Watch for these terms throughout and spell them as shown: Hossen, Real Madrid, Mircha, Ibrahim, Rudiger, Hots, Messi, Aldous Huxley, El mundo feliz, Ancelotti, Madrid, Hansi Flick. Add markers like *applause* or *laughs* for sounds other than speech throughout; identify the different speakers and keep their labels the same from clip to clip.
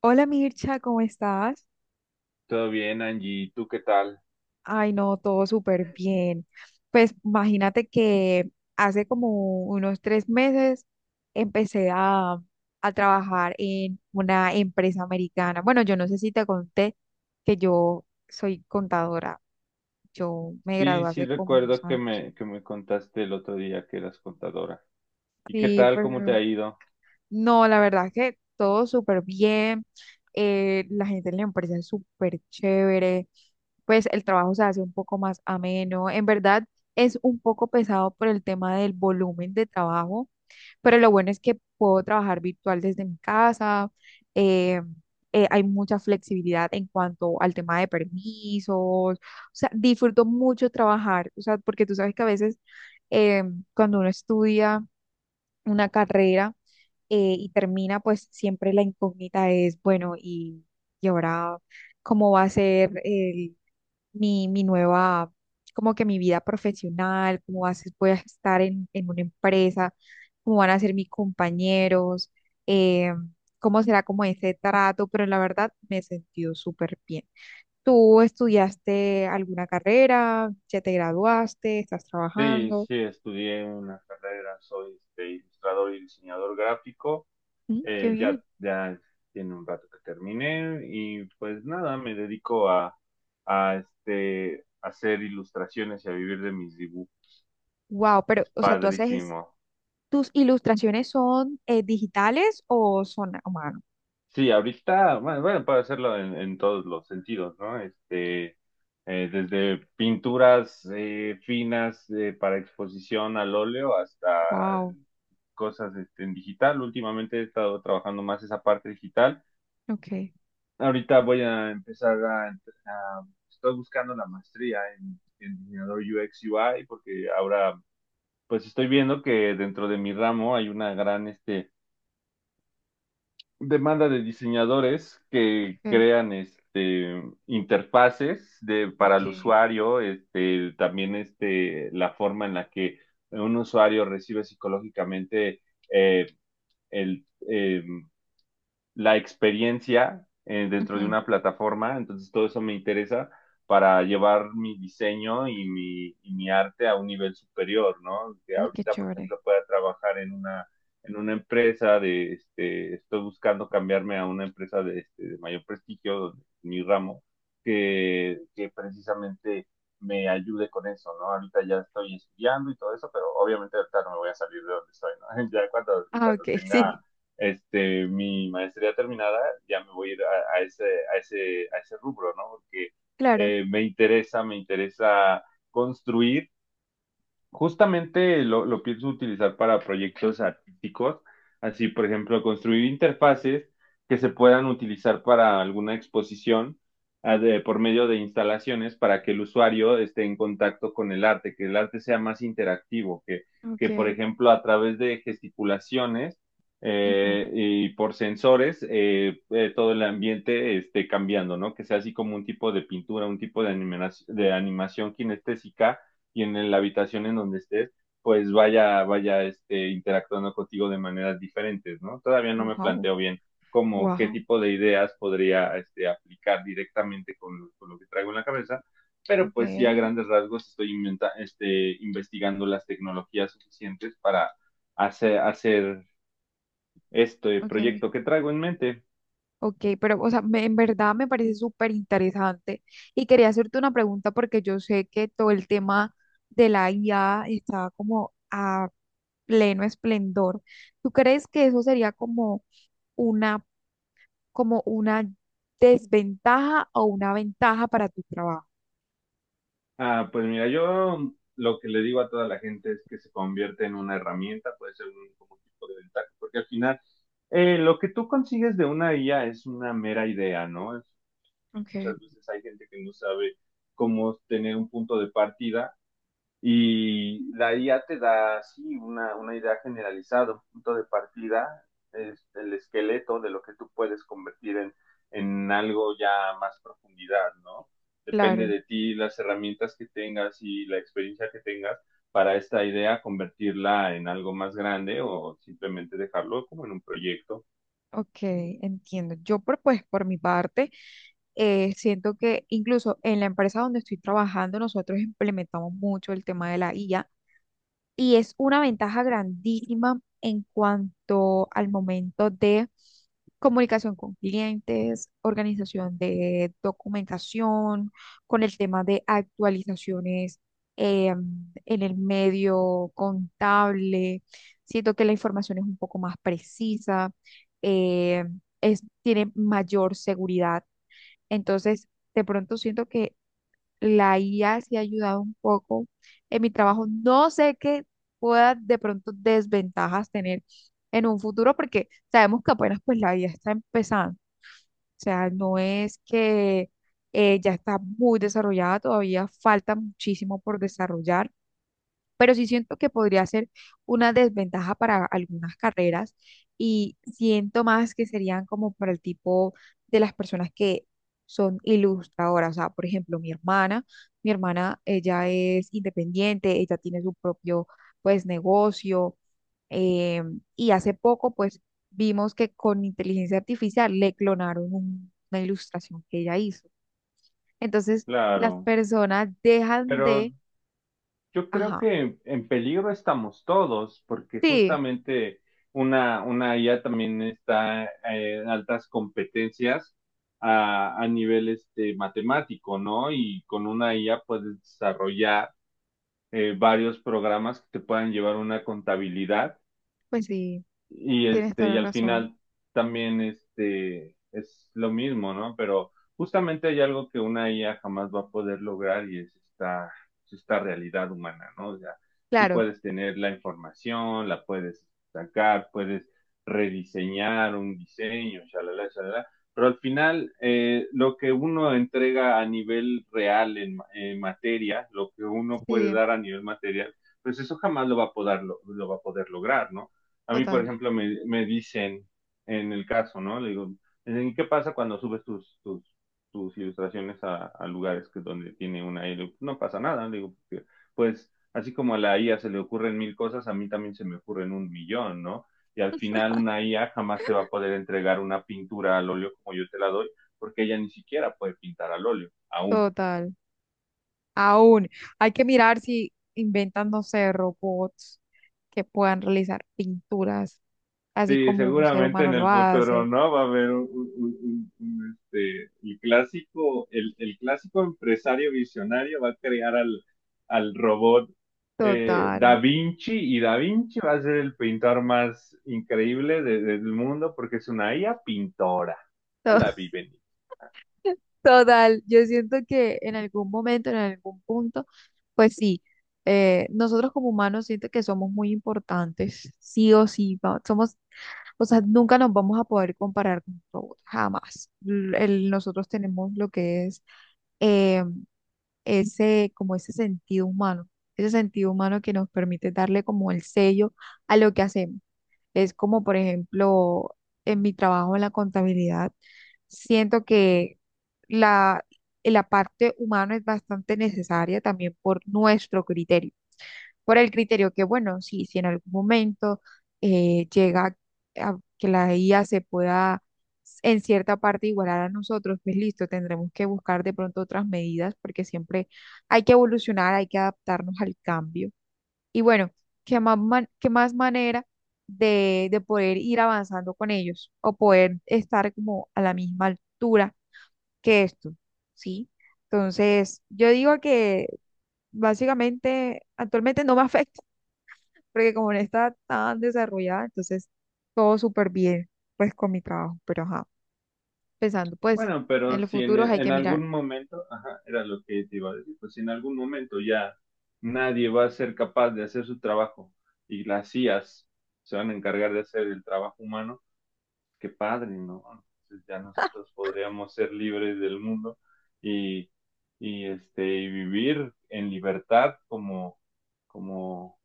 Speaker 1: Hola Mircha, ¿cómo estás?
Speaker 2: Todo bien, Angie. ¿Tú qué tal?
Speaker 1: Ay, no, todo súper bien. Pues imagínate que hace como unos 3 meses empecé a trabajar en una empresa americana. Bueno, yo no sé si te conté que yo soy contadora. Yo me
Speaker 2: Sí,
Speaker 1: gradué
Speaker 2: sí
Speaker 1: hace como unos
Speaker 2: recuerdo que
Speaker 1: años.
Speaker 2: me, que me contaste el otro día que eras contadora. ¿Y qué
Speaker 1: Sí,
Speaker 2: tal?
Speaker 1: pues
Speaker 2: ¿Cómo te ha ido?
Speaker 1: no, la verdad que todo súper bien. La gente en la empresa es súper chévere. Pues el trabajo se hace un poco más ameno. En verdad es un poco pesado por el tema del volumen de trabajo, pero lo bueno es que puedo trabajar virtual desde mi casa. eh, Hay mucha flexibilidad en cuanto al tema de permisos. O sea, disfruto mucho trabajar. O sea, porque tú sabes que a veces cuando uno estudia una carrera, y termina, pues siempre la incógnita es, bueno, y ahora, ¿cómo va a ser el- mi nueva, como que ¿mi vida profesional? ¿Cómo va a ser- voy a estar en una empresa? ¿Cómo van a ser mis compañeros? Eh, ¿Cómo será como ese trato? Pero la verdad me he sentido súper bien. ¿Tú estudiaste alguna carrera? ¿Ya te graduaste? ¿Estás
Speaker 2: Sí,
Speaker 1: trabajando?
Speaker 2: sí, estudié una carrera, soy este, ilustrador y diseñador gráfico.
Speaker 1: Mm, qué
Speaker 2: Eh, ya,
Speaker 1: bien.
Speaker 2: ya tiene un rato que terminé y pues nada, me dedico a este, hacer ilustraciones y a vivir de mis dibujos.
Speaker 1: Wow, pero,
Speaker 2: Es
Speaker 1: o sea, tú haces
Speaker 2: padrísimo.
Speaker 1: ¿tus ilustraciones son digitales o son a mano?
Speaker 2: Sí, ahorita, bueno, puede hacerlo en todos los sentidos, ¿no? Este, desde pinturas finas para exposición al óleo hasta
Speaker 1: Wow,
Speaker 2: cosas este, en digital. Últimamente he estado trabajando más esa parte digital.
Speaker 1: ok,
Speaker 2: Ahorita voy a empezar estoy buscando la maestría en diseñador UX UI, porque ahora pues estoy viendo que dentro de mi ramo hay una gran este demanda de diseñadores que
Speaker 1: ok,
Speaker 2: crean este interfaces de para el
Speaker 1: ok.
Speaker 2: usuario, este también este la forma en la que un usuario recibe psicológicamente eh, el la experiencia dentro de
Speaker 1: Ujú.
Speaker 2: una plataforma. Entonces todo eso me interesa para llevar mi diseño y mi arte a un nivel superior, ¿no? Que
Speaker 1: Uy, qué
Speaker 2: ahorita, por
Speaker 1: chévere.
Speaker 2: ejemplo, pueda trabajar en una empresa de, este, estoy buscando cambiarme a una empresa de, este, de mayor prestigio, donde mi ramo, que precisamente me ayude con eso, ¿no? Ahorita ya estoy estudiando y todo eso, pero obviamente ahorita no me voy a salir de donde estoy, ¿no? *laughs* Ya cuando,
Speaker 1: Ah, ok,
Speaker 2: cuando
Speaker 1: *laughs*
Speaker 2: tenga
Speaker 1: sí,
Speaker 2: este, mi maestría terminada, ya me voy a ir a ese rubro, ¿no? Porque
Speaker 1: claro.
Speaker 2: me interesa construir. Justamente lo pienso utilizar para proyectos artísticos, así por ejemplo construir interfaces que se puedan utilizar para alguna exposición, ah, de por medio de instalaciones para que el usuario esté en contacto con el arte, que el arte sea más interactivo, que por
Speaker 1: Ok,
Speaker 2: ejemplo a través de gesticulaciones
Speaker 1: ujú.
Speaker 2: y por sensores, todo el ambiente esté cambiando, ¿no? Que sea así como un tipo de pintura, un tipo de animación kinestésica, y en la habitación en donde estés, pues vaya este, interactuando contigo de maneras diferentes, ¿no? Todavía no me
Speaker 1: Wow.
Speaker 2: planteo bien como qué
Speaker 1: Wow,
Speaker 2: tipo de ideas podría este, aplicar directamente lo que traigo en la cabeza, pero
Speaker 1: ok,
Speaker 2: pues sí a grandes rasgos este, investigando las tecnologías suficientes para hacer este
Speaker 1: ok.
Speaker 2: proyecto que traigo en mente.
Speaker 1: Ok, pero o sea, en verdad me parece súper interesante y quería hacerte una pregunta porque yo sé que todo el tema de la IA está como a pleno esplendor. ¿Tú crees que eso sería una como una desventaja o una ventaja para tu trabajo?
Speaker 2: Ah, pues mira, yo lo que le digo a toda la gente es que se convierte en una herramienta, puede ser un, como tipo de ventaja, porque al final lo que tú consigues de una IA es una mera idea, ¿no? Es
Speaker 1: Okay,
Speaker 2: muchas veces hay gente que no sabe cómo tener un punto de partida, y la IA te da así una idea generalizada, un punto de partida, es el esqueleto de lo que tú puedes convertir en algo ya más profundidad, ¿no? Depende
Speaker 1: claro,
Speaker 2: de ti las herramientas que tengas y la experiencia que tengas para esta idea, convertirla en algo más grande o simplemente dejarlo como en un proyecto.
Speaker 1: ok, entiendo. Yo por, pues por mi parte siento que incluso en la empresa donde estoy trabajando nosotros implementamos mucho el tema de la IA y es una ventaja grandísima en cuanto al momento de comunicación con clientes, organización de documentación, con el tema de actualizaciones eh, en el medio contable. Siento que la información es un poco más precisa, eh, es, tiene mayor seguridad. Entonces, de pronto siento que la IA sí ha ayudado un poco en mi trabajo. No sé qué pueda de pronto desventajas tener en un futuro porque sabemos que apenas pues la IA está empezando. O sea, no es que ya está muy desarrollada, todavía falta muchísimo por desarrollar, pero sí siento que podría ser una desventaja para algunas carreras y siento más que serían como para el tipo de las personas que son ilustradoras, o sea, por ejemplo, mi hermana, ella es independiente, ella tiene su propio, pues, negocio, eh, y hace poco, pues, vimos que con inteligencia artificial le clonaron una ilustración que ella hizo. Entonces, las
Speaker 2: Claro,
Speaker 1: personas dejan
Speaker 2: pero
Speaker 1: de,
Speaker 2: yo creo
Speaker 1: ajá,
Speaker 2: que en peligro estamos todos, porque
Speaker 1: sí,
Speaker 2: justamente una IA también está en altas competencias a nivel este, matemático, ¿no? Y con una IA puedes desarrollar varios programas que te puedan llevar una contabilidad,
Speaker 1: pues sí.
Speaker 2: y
Speaker 1: Tienes
Speaker 2: este,
Speaker 1: toda
Speaker 2: y
Speaker 1: la
Speaker 2: al
Speaker 1: razón.
Speaker 2: final también este es lo mismo, ¿no? Pero justamente hay algo que una IA jamás va a poder lograr, y es es esta realidad humana, ¿no? O sea, sí
Speaker 1: Claro,
Speaker 2: puedes tener la información, la puedes sacar, puedes rediseñar un diseño, shalala, shalala, pero al final lo que uno entrega a nivel real en materia, lo que uno puede
Speaker 1: sí,
Speaker 2: dar a nivel material, pues eso jamás lo va a poder, lo va a poder lograr, ¿no? A mí, por
Speaker 1: total,
Speaker 2: ejemplo, me dicen en el caso, ¿no? Le digo: "¿Y qué pasa cuando subes tus ilustraciones a lugares que donde tiene una I? A? Le digo, no pasa nada, le digo, porque pues así como a la IA se le ocurren mil cosas, a mí también se me ocurren un millón, ¿no? Y al final una IA jamás te va a poder entregar una pintura al óleo como yo te la doy, porque ella ni siquiera puede pintar al óleo, aún.
Speaker 1: total. Aún hay que mirar si inventan, no sé, robots que puedan realizar pinturas así
Speaker 2: Sí,
Speaker 1: como un ser
Speaker 2: seguramente
Speaker 1: humano
Speaker 2: en
Speaker 1: lo
Speaker 2: el futuro,
Speaker 1: hace.
Speaker 2: ¿no? Va a haber este, el clásico, el clásico empresario visionario va a crear al robot
Speaker 1: Total,
Speaker 2: Da Vinci, y Da Vinci va a ser el pintor más increíble de- del mundo, porque es una IA pintora. Ya
Speaker 1: to- *laughs*
Speaker 2: la viven.
Speaker 1: total. Yo siento que en algún momento, en algún punto, pues sí, nosotros como humanos siento que somos muy importantes, sí o sí, somos... O sea, nunca nos vamos a poder comparar con un robot, jamás. Nosotros tenemos lo que es eh, ese, como ese sentido humano que nos permite darle como el sello a lo que hacemos. Es como, por ejemplo, en mi trabajo en la contabilidad, siento que la, la parte humana es bastante necesaria también por nuestro criterio, por el criterio que, bueno, sí, si en algún momento llega a que la IA se pueda en cierta parte igualar a nosotros, pues listo, tendremos que buscar de pronto otras medidas porque siempre hay que evolucionar, hay que adaptarnos al cambio. Y bueno, ¿qué más, qué más manera de poder ir avanzando con ellos o poder estar como a la misma altura que esto? ¿Sí? Entonces, yo digo que básicamente actualmente no me *laughs* afecta porque como no está tan desarrollada, entonces todo súper bien, pues con mi trabajo, pero ajá, pensando, pues
Speaker 2: Bueno, pero
Speaker 1: en los
Speaker 2: si
Speaker 1: futuros hay
Speaker 2: en
Speaker 1: que mirar.
Speaker 2: algún momento, ajá, era lo que te iba a decir, pues si en algún momento ya nadie va a ser capaz de hacer su trabajo y las IAs se van a encargar de hacer el trabajo humano, qué padre, ¿no? Entonces ya
Speaker 1: *laughs*
Speaker 2: nosotros podríamos ser libres del mundo y, este, y vivir en libertad como, como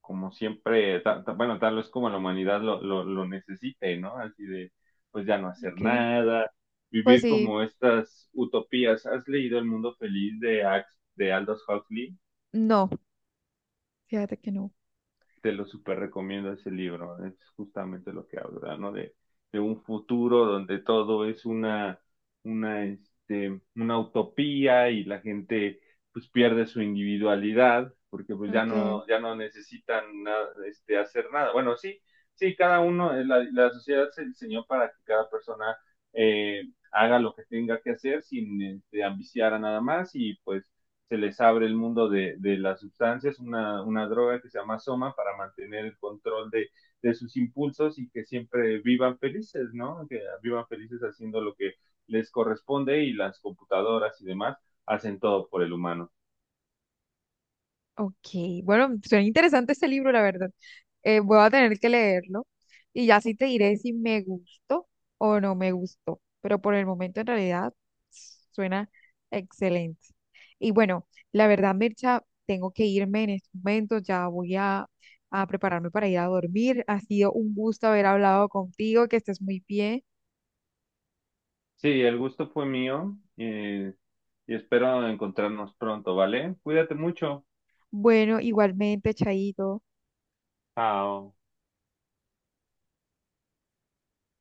Speaker 2: como siempre, bueno, tal vez como la humanidad lo necesite, ¿no? Así de, pues ya no hacer
Speaker 1: Ok,
Speaker 2: nada,
Speaker 1: pues
Speaker 2: vivir
Speaker 1: sí,
Speaker 2: como estas utopías. ¿Has leído El mundo feliz de de Aldous Huxley?
Speaker 1: no, fíjate que no.
Speaker 2: Te lo súper recomiendo, ese libro. Es justamente lo que habla, ¿no? De un futuro donde todo es este, una utopía, y la gente pues pierde su individualidad, porque pues
Speaker 1: Ok,
Speaker 2: ya no necesitan nada, este, hacer nada. Bueno, sí, sí, cada uno, la sociedad se diseñó para que cada persona eh, haga lo que tenga que hacer sin este, ambiciar a nada más, y pues se les abre el mundo de las sustancias, droga que se llama soma para mantener el control sus impulsos, y que siempre vivan felices, ¿no? Que vivan felices haciendo lo que les corresponde, y las computadoras y demás hacen todo por el humano.
Speaker 1: ok, bueno, suena interesante ese libro, la verdad. Voy a tener que leerlo y ya sí te diré si me gustó o no me gustó, pero por el momento en realidad suena excelente. Y bueno, la verdad, Mircha, tengo que irme en estos momentos, ya voy a prepararme para ir a dormir. Ha sido un gusto haber hablado contigo, que estés muy bien.
Speaker 2: Sí, el gusto fue mío, y espero encontrarnos pronto, ¿vale? Cuídate mucho.
Speaker 1: Bueno, igualmente, Chaito.
Speaker 2: Chao.